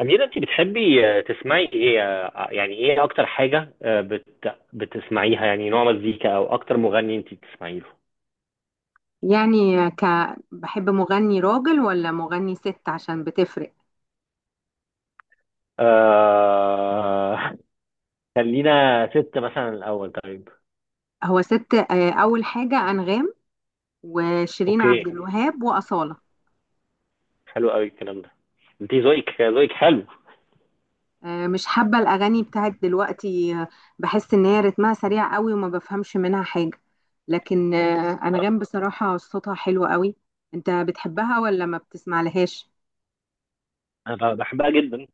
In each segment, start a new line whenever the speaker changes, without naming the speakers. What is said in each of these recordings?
أميرة، أنت بتحبي تسمعي إيه؟ يعني إيه أكتر حاجة بتسمعيها؟ يعني نوع مزيكا أو أكتر مغني أنت بتسمعي له؟
يعني بحب مغني راجل ولا مغني ست عشان بتفرق؟
آه... خلينا ست مثلا الأول، طيب.
هو ست، أول حاجة أنغام وشيرين عبد
أوكي.
الوهاب وأصالة.
حلو قوي الكلام ده. أنت ذوقك حلو.
مش حابة الأغاني بتاعت دلوقتي، بحس إن هي رتمها سريع قوي وما بفهمش منها حاجة. لكن أنغام بصراحة صوتها حلو قوي. أنت بتحبها ولا ما بتسمع لهاش؟
أنا بحبها جدا.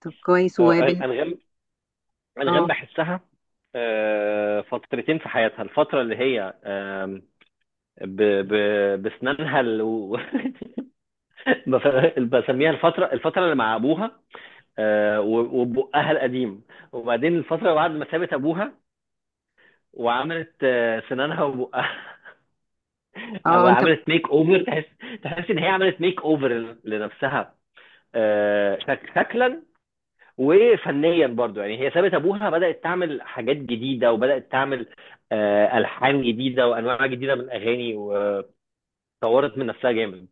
طب كويس
أنغام. أنغام
اه
بحسها فترتين في حياتها. الفترة اللي هي آم، ب... ب... بسنانها ال... بسميها الفترة اللي مع أبوها، وبقها القديم. وبعدين الفترة بعد ما سابت أبوها وعملت سنانها وبقها.
اه،
عملت ميك أوفر. تحس تحس إن هي عملت ميك أوفر لنفسها شكلا وفنيا برضو. يعني هي سابت أبوها، بدأت تعمل حاجات جديدة، وبدأت تعمل ألحان جديدة وأنواع جديدة من الأغاني، وطورت من نفسها جامد.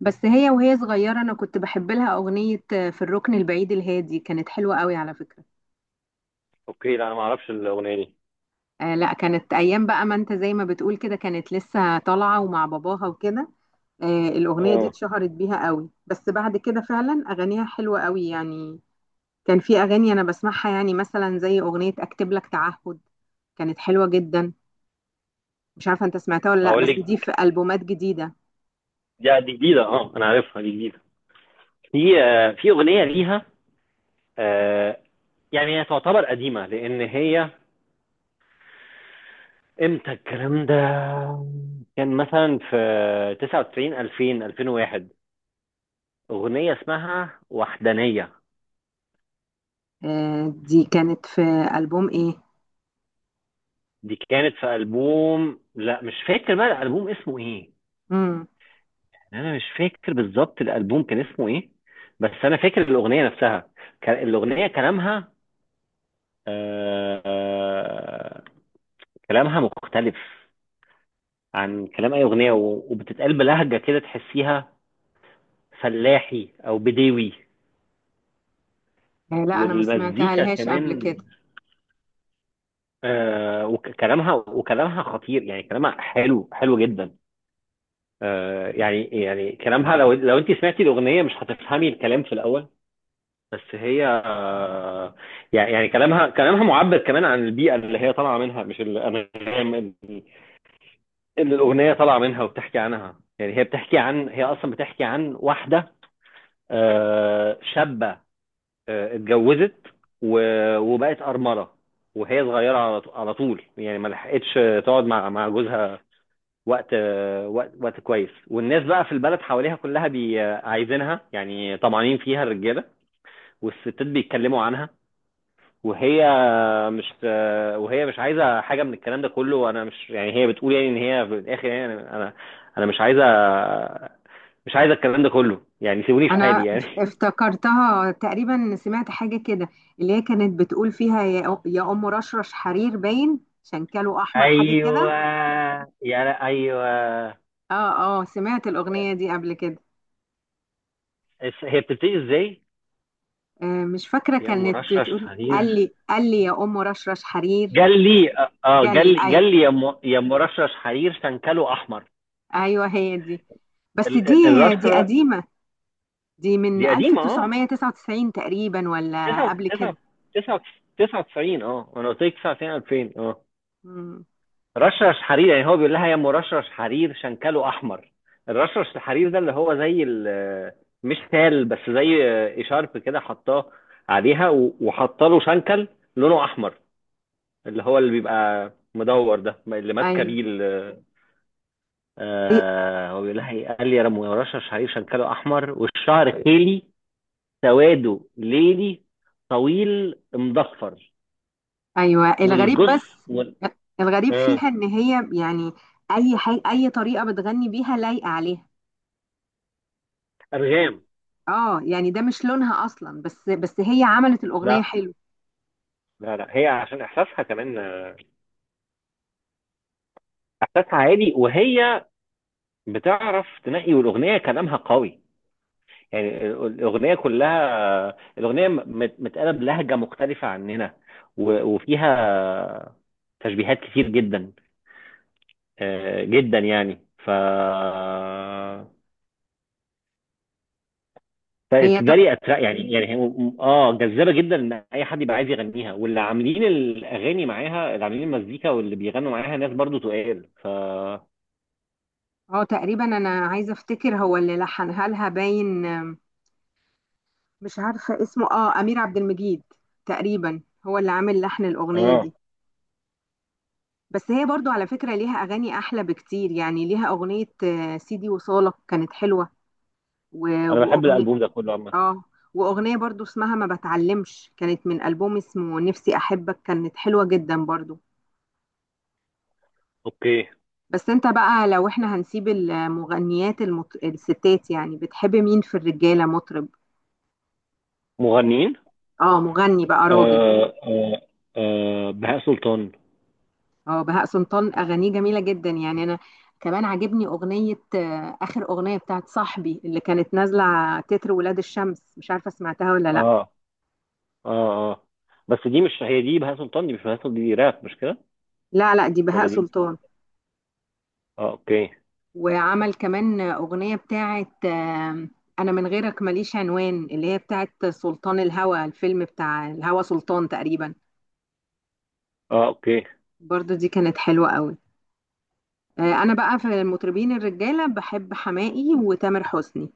بس هي وهي صغيرة أنا كنت بحب لها أغنية في الركن البعيد الهادي، كانت حلوة قوي على فكرة.
اوكي، لا انا ما اعرفش الاغنيه دي.
لا، كانت ايام بقى. ما انت زي ما بتقول كده، كانت لسه طالعه ومع باباها وكده. الاغنيه دي
اه
اتشهرت بيها قوي، بس بعد كده فعلا اغانيها حلوه قوي يعني. كان في اغاني انا بسمعها، يعني مثلا زي اغنيه اكتب لك تعهد، كانت حلوه جدا. مش عارفه انت سمعتها ولا لا،
اقول
بس دي
لك،
في البومات جديده.
دي جديده. اه انا عارفها، دي جديده. في في أغنية ليها، آه، يعني هي تعتبر قديمة، لأن هي امتى الكلام ده؟ كان مثلا في 99 2000 2001. أغنية اسمها وحدانية.
دي كانت في البوم ايه؟
دي كانت في ألبوم، لا مش فاكر بقى الألبوم اسمه إيه.
امم
يعني أنا مش فاكر بالظبط الألبوم كان اسمه إيه، بس أنا فاكر الأغنية نفسها. الأغنية كلامها آه، آه، كلامها مختلف عن كلام أي أغنية، وبتتقال بلهجة كده تحسيها فلاحي او بديوي.
لا، انا ما سمعتها
والمزيكا
لهاش قبل
كمان.
كده.
آه، وكلامها، وكلامها خطير، يعني كلامها حلو حلو جدا. آه، يعني كلامها، لو انت سمعتي الاغنيه مش هتفهمي الكلام في الاول، بس هي آه، يعني كلامها، كلامها معبر كمان عن البيئه اللي هي طالعه منها، مش الانغام اللي الاغنيه طالعه منها وبتحكي عنها. يعني هي بتحكي عن، هي اصلا بتحكي عن واحده شابه اتجوزت وبقت أرملة وهي صغيرة، على على طول. يعني ما لحقتش تقعد مع جوزها وقت وقت كويس، والناس بقى في البلد حواليها كلها بي آه، عايزينها، يعني طمعانين فيها الرجالة، والستات بيتكلموا عنها. وهي مش آه، وهي مش عايزة حاجة من الكلام ده كله. وانا مش، يعني هي بتقول يعني ان هي في الاخر يعني انا أنا مش عايزة، مش عايزة الكلام ده كله، يعني سيبوني في حالي
انا
يعني.
افتكرتها تقريبا، سمعت حاجه كده اللي هي كانت بتقول فيها يا ام رشرش حرير، باين شنكله احمر، حاجه
ايوه.
كده.
يا لا ايوه.
اه اه، سمعت الاغنيه دي قبل كده.
هي بتبتدي ازاي؟
مش فاكره.
يا ام
كانت
رشرش
بتقول قال
حرير،
لي قال لي يا ام رشرش حرير.
جال لي. اه
قال لي،
جال
ايوه،
لي يا ام، يا ام رشرش حرير، شنكله احمر.
ايوه هي دي. بس دي
الرشرة
قديمه، دي من
دي قديمة، اه.
1999 تقريبا ولا
9
قبل
9
كده.
9 99، اه انا قلت لك 99 2000، اه.
مم.
رشرش حرير، يعني هو بيقول لها يا ام رشرش حرير شنكله احمر. الرشرش الحرير ده اللي هو زي مش تال، بس زي اشارب كده حطاه عليها، وحط له شنكل لونه احمر، اللي هو اللي بيبقى مدور ده اللي ماسكه
ايوه
بيه آه. هو بيقول لها ايه؟ قال لي يا رم ورشه شعير شنكله احمر، والشعر خيلي سواده ليلي طويل مضفر
ايوه. الغريب
والجث.
بس، الغريب
اه
فيها ان هي يعني اي طريقه بتغني بيها لايقه عليها يعني.
والارغام.
اه يعني ده مش لونها اصلا، بس هي عملت الاغنيه
لا
حلو.
لا هي عشان احساسها كمان، آه، احساسها عالي، وهي بتعرف تنقي. والاغنيه كلامها قوي. يعني الاغنيه كلها، الاغنيه متقاله بلهجه مختلفه عننا، وفيها تشبيهات كتير جدا جدا. يعني
هي ت...
فبالتالي يعني هي اه جذابه جدا، ان اي حد يبقى عايز يغنيها. واللي عاملين الاغاني معاها، اللي عاملين المزيكا واللي بيغنوا معاها ناس برضو تقال
اه تقريبا انا عايزه افتكر هو اللي لحنها لها، باين مش عارفه اسمه. اه امير عبد المجيد تقريبا هو اللي عامل لحن الاغنيه
اه.
دي. بس هي برضو على فكره ليها اغاني احلى بكتير، يعني ليها اغنيه سيدي وصالك كانت حلوه. و...
انا بحب
واغنيه
الالبوم ده كله عامه.
اه واغنيه برضو اسمها ما بتعلمش، كانت من البوم اسمه نفسي احبك، كانت حلوه جدا برضو.
اوكي.
بس انت بقى لو احنا هنسيب المغنيات، الستات، يعني بتحب مين في الرجاله مطرب؟
مغنيين
اه مغني بقى راجل.
آه آه بهاء سلطان.
اه بهاء سلطان اغانيه جميله جدا، يعني انا كمان عاجبني اغنيه، اخر اغنيه بتاعت صاحبي اللي كانت نازله تتر ولاد الشمس. مش عارفه سمعتها ولا لا.
اه اه اه بس دي مش هي، دي بهاء سلطان، دي مش بهاء سلطان، دي راب مش كده.
لا لا، دي بهاء
ولا دي.
سلطان.
اه اوكي.
وعمل كمان أغنية بتاعت أنا من غيرك ماليش عنوان، اللي هي بتاعت سلطان الهوى، الفيلم بتاع الهوى سلطان تقريبا.
اه اوكي.
برضو دي كانت حلوة قوي. أنا بقى في المطربين الرجالة بحب حماقي وتامر حسني.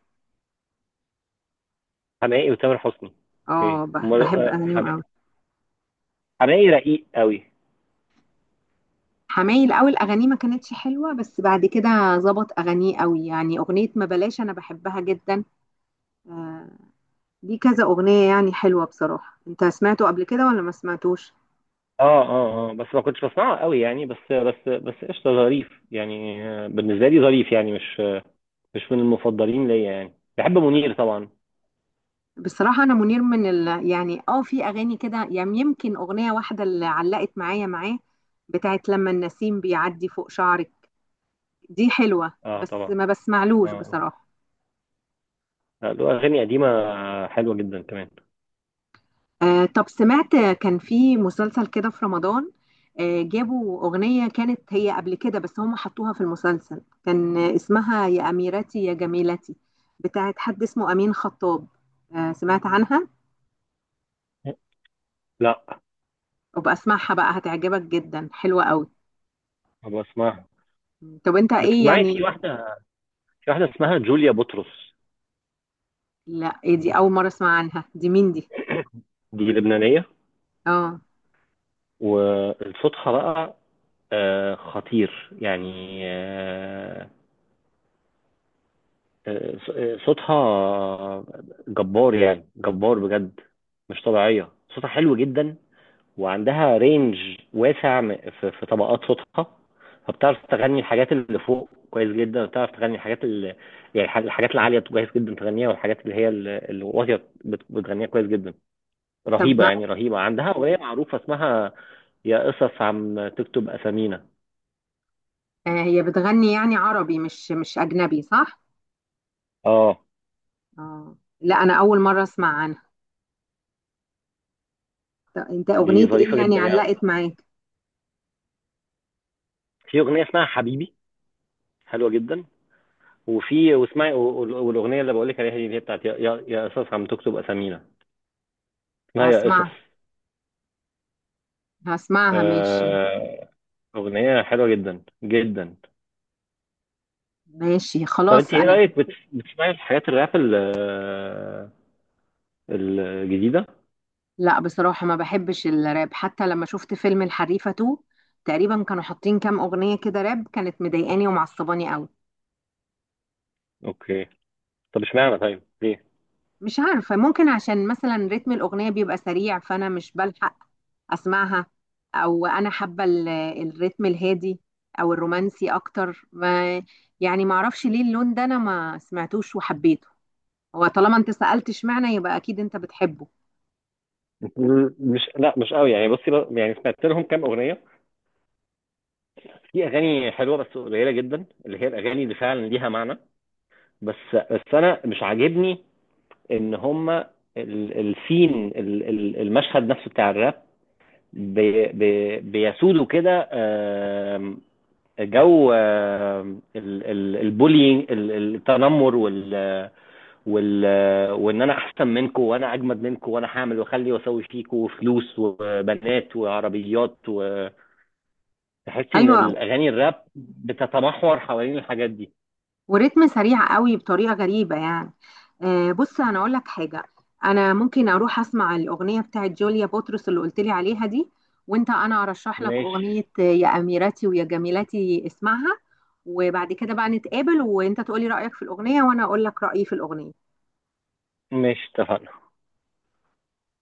حماقي وتامر حسني. اوكي
اه،
هم.
بحب أغانيهم قوي.
حماقي رقيق قوي.
حماقي الأول أغانيه ما كانتش حلوة، بس بعد كده ظبط أغانيه قوي، يعني أغنية ما بلاش أنا بحبها جدا. آه، دي كذا أغنية يعني حلوة بصراحة. أنت سمعته قبل كده ولا ما سمعتوش؟
اه بس ما كنتش بسمعه قوي يعني، بس قشطه ظريف، يعني بالنسبه لي ظريف، يعني مش من المفضلين ليا. يعني بحب منير طبعا.
بصراحة أنا منير يعني في أغاني كده، يعني يمكن أغنية واحدة اللي علقت معايا معاه، بتاعت لما النسيم بيعدي فوق شعرك. دي حلوة
اه
بس
طبعا.
ما
اه
بسمعلوش
آه.
بصراحة.
لا، له اغاني قديمه حلوه جدا كمان.
طب سمعت كان في مسلسل كده في رمضان، جابوا أغنية كانت هي قبل كده بس هم حطوها في المسلسل، كان اسمها يا أميرتي يا جميلتي، بتاعت حد اسمه أمين خطاب. سمعت عنها؟
لا،
وبأسمعها بقى هتعجبك جدا، حلوة قوي.
ابقى اسمعها.
طب انت ايه
بتسمعي؟
يعني؟
في واحده، في واحده اسمها جوليا بطرس.
لا، ايه دي؟ اول مره اسمع عنها. دي مين دي؟
دي لبنانيه
اه،
وصوتها بقى خطير، يعني آه، صوتها جبار، يعني جبار بجد، مش طبيعية صوتها حلو جدا. وعندها رينج واسع في طبقات صوتها. فبتعرف تغني الحاجات اللي فوق كويس جدا، وبتعرف تغني الحاجات اللي، يعني الحاجات العالية كويس جدا تغنيها، والحاجات اللي هي الواطية بتغنيها كويس جدا.
طب
رهيبة،
ما
يعني رهيبة. عندها أغنية معروفة اسمها يا قصص عم تكتب أسامينا.
هي بتغني يعني عربي مش اجنبي، صح؟
اه
اه لا، انا اول مره اسمع عنها. طب انت
دي
اغنيه ايه
ظريفة
يعني
جدا. يعني
علقت معاك؟
في أغنية اسمها حبيبي حلوة جدا. وفي، واسمعي، والاغنيه اللي بقول لك عليها دي اللي هي بتاعت يا قصص عم تكتب اسامينا، اسمها يا قصص.
هسمعها، هسمعها ماشي.
آه، اغنيه حلوه جدا جدا.
ماشي
طب انت
خلاص
ايه
انا.
رايك بتسمعي الحاجات الراب الجديده؟
لا بصراحه ما بحبش الراب، حتى لما شفت فيلم الحريفه 2 تقريبا كانوا حاطين كام اغنيه كده راب، كانت مضايقاني ومعصباني قوي.
اوكي. طب اشمعنى، طيب ليه؟
مش عارفة، ممكن عشان مثلا رتم الأغنية بيبقى سريع فأنا مش بلحق أسمعها، أو أنا حابة الرتم الهادي أو الرومانسي أكتر. ما يعني معرفش ليه اللون ده أنا ما سمعتوش وحبيته. هو طالما أنت سألت اشمعنى يبقى أكيد أنت بتحبه.
مش قوي، يعني بصي بقى، يعني سمعت لهم كام اغنيه. في اغاني حلوه بس قليله جدا اللي هي الاغاني اللي فعلا ليها معنى. بس، بس انا مش عاجبني ان هم السين المشهد نفسه بتاع الراب بي بي بيسودوا كده. آم، جو، آم، البولينج، التنمر، وال وال وان انا احسن منكم، وانا اجمد منكم، وانا هعمل واخلي واسوي فيكم فلوس وبنات وعربيات. وتحسي ان
أيوة،
الاغاني الراب بتتمحور حوالين الحاجات دي.
وريتم سريع قوي بطريقه غريبه يعني. بص انا اقول لك حاجه. انا ممكن اروح اسمع الاغنيه بتاعت جوليا بطرس اللي قلت لي عليها دي، وانت انا ارشح لك
ماشي.
اغنيه يا اميرتي ويا جميلتي، اسمعها. وبعد كده بقى نتقابل وانت تقولي رايك في الاغنيه وانا اقول لك رايي في الاغنيه.
ماشي اتفقنا.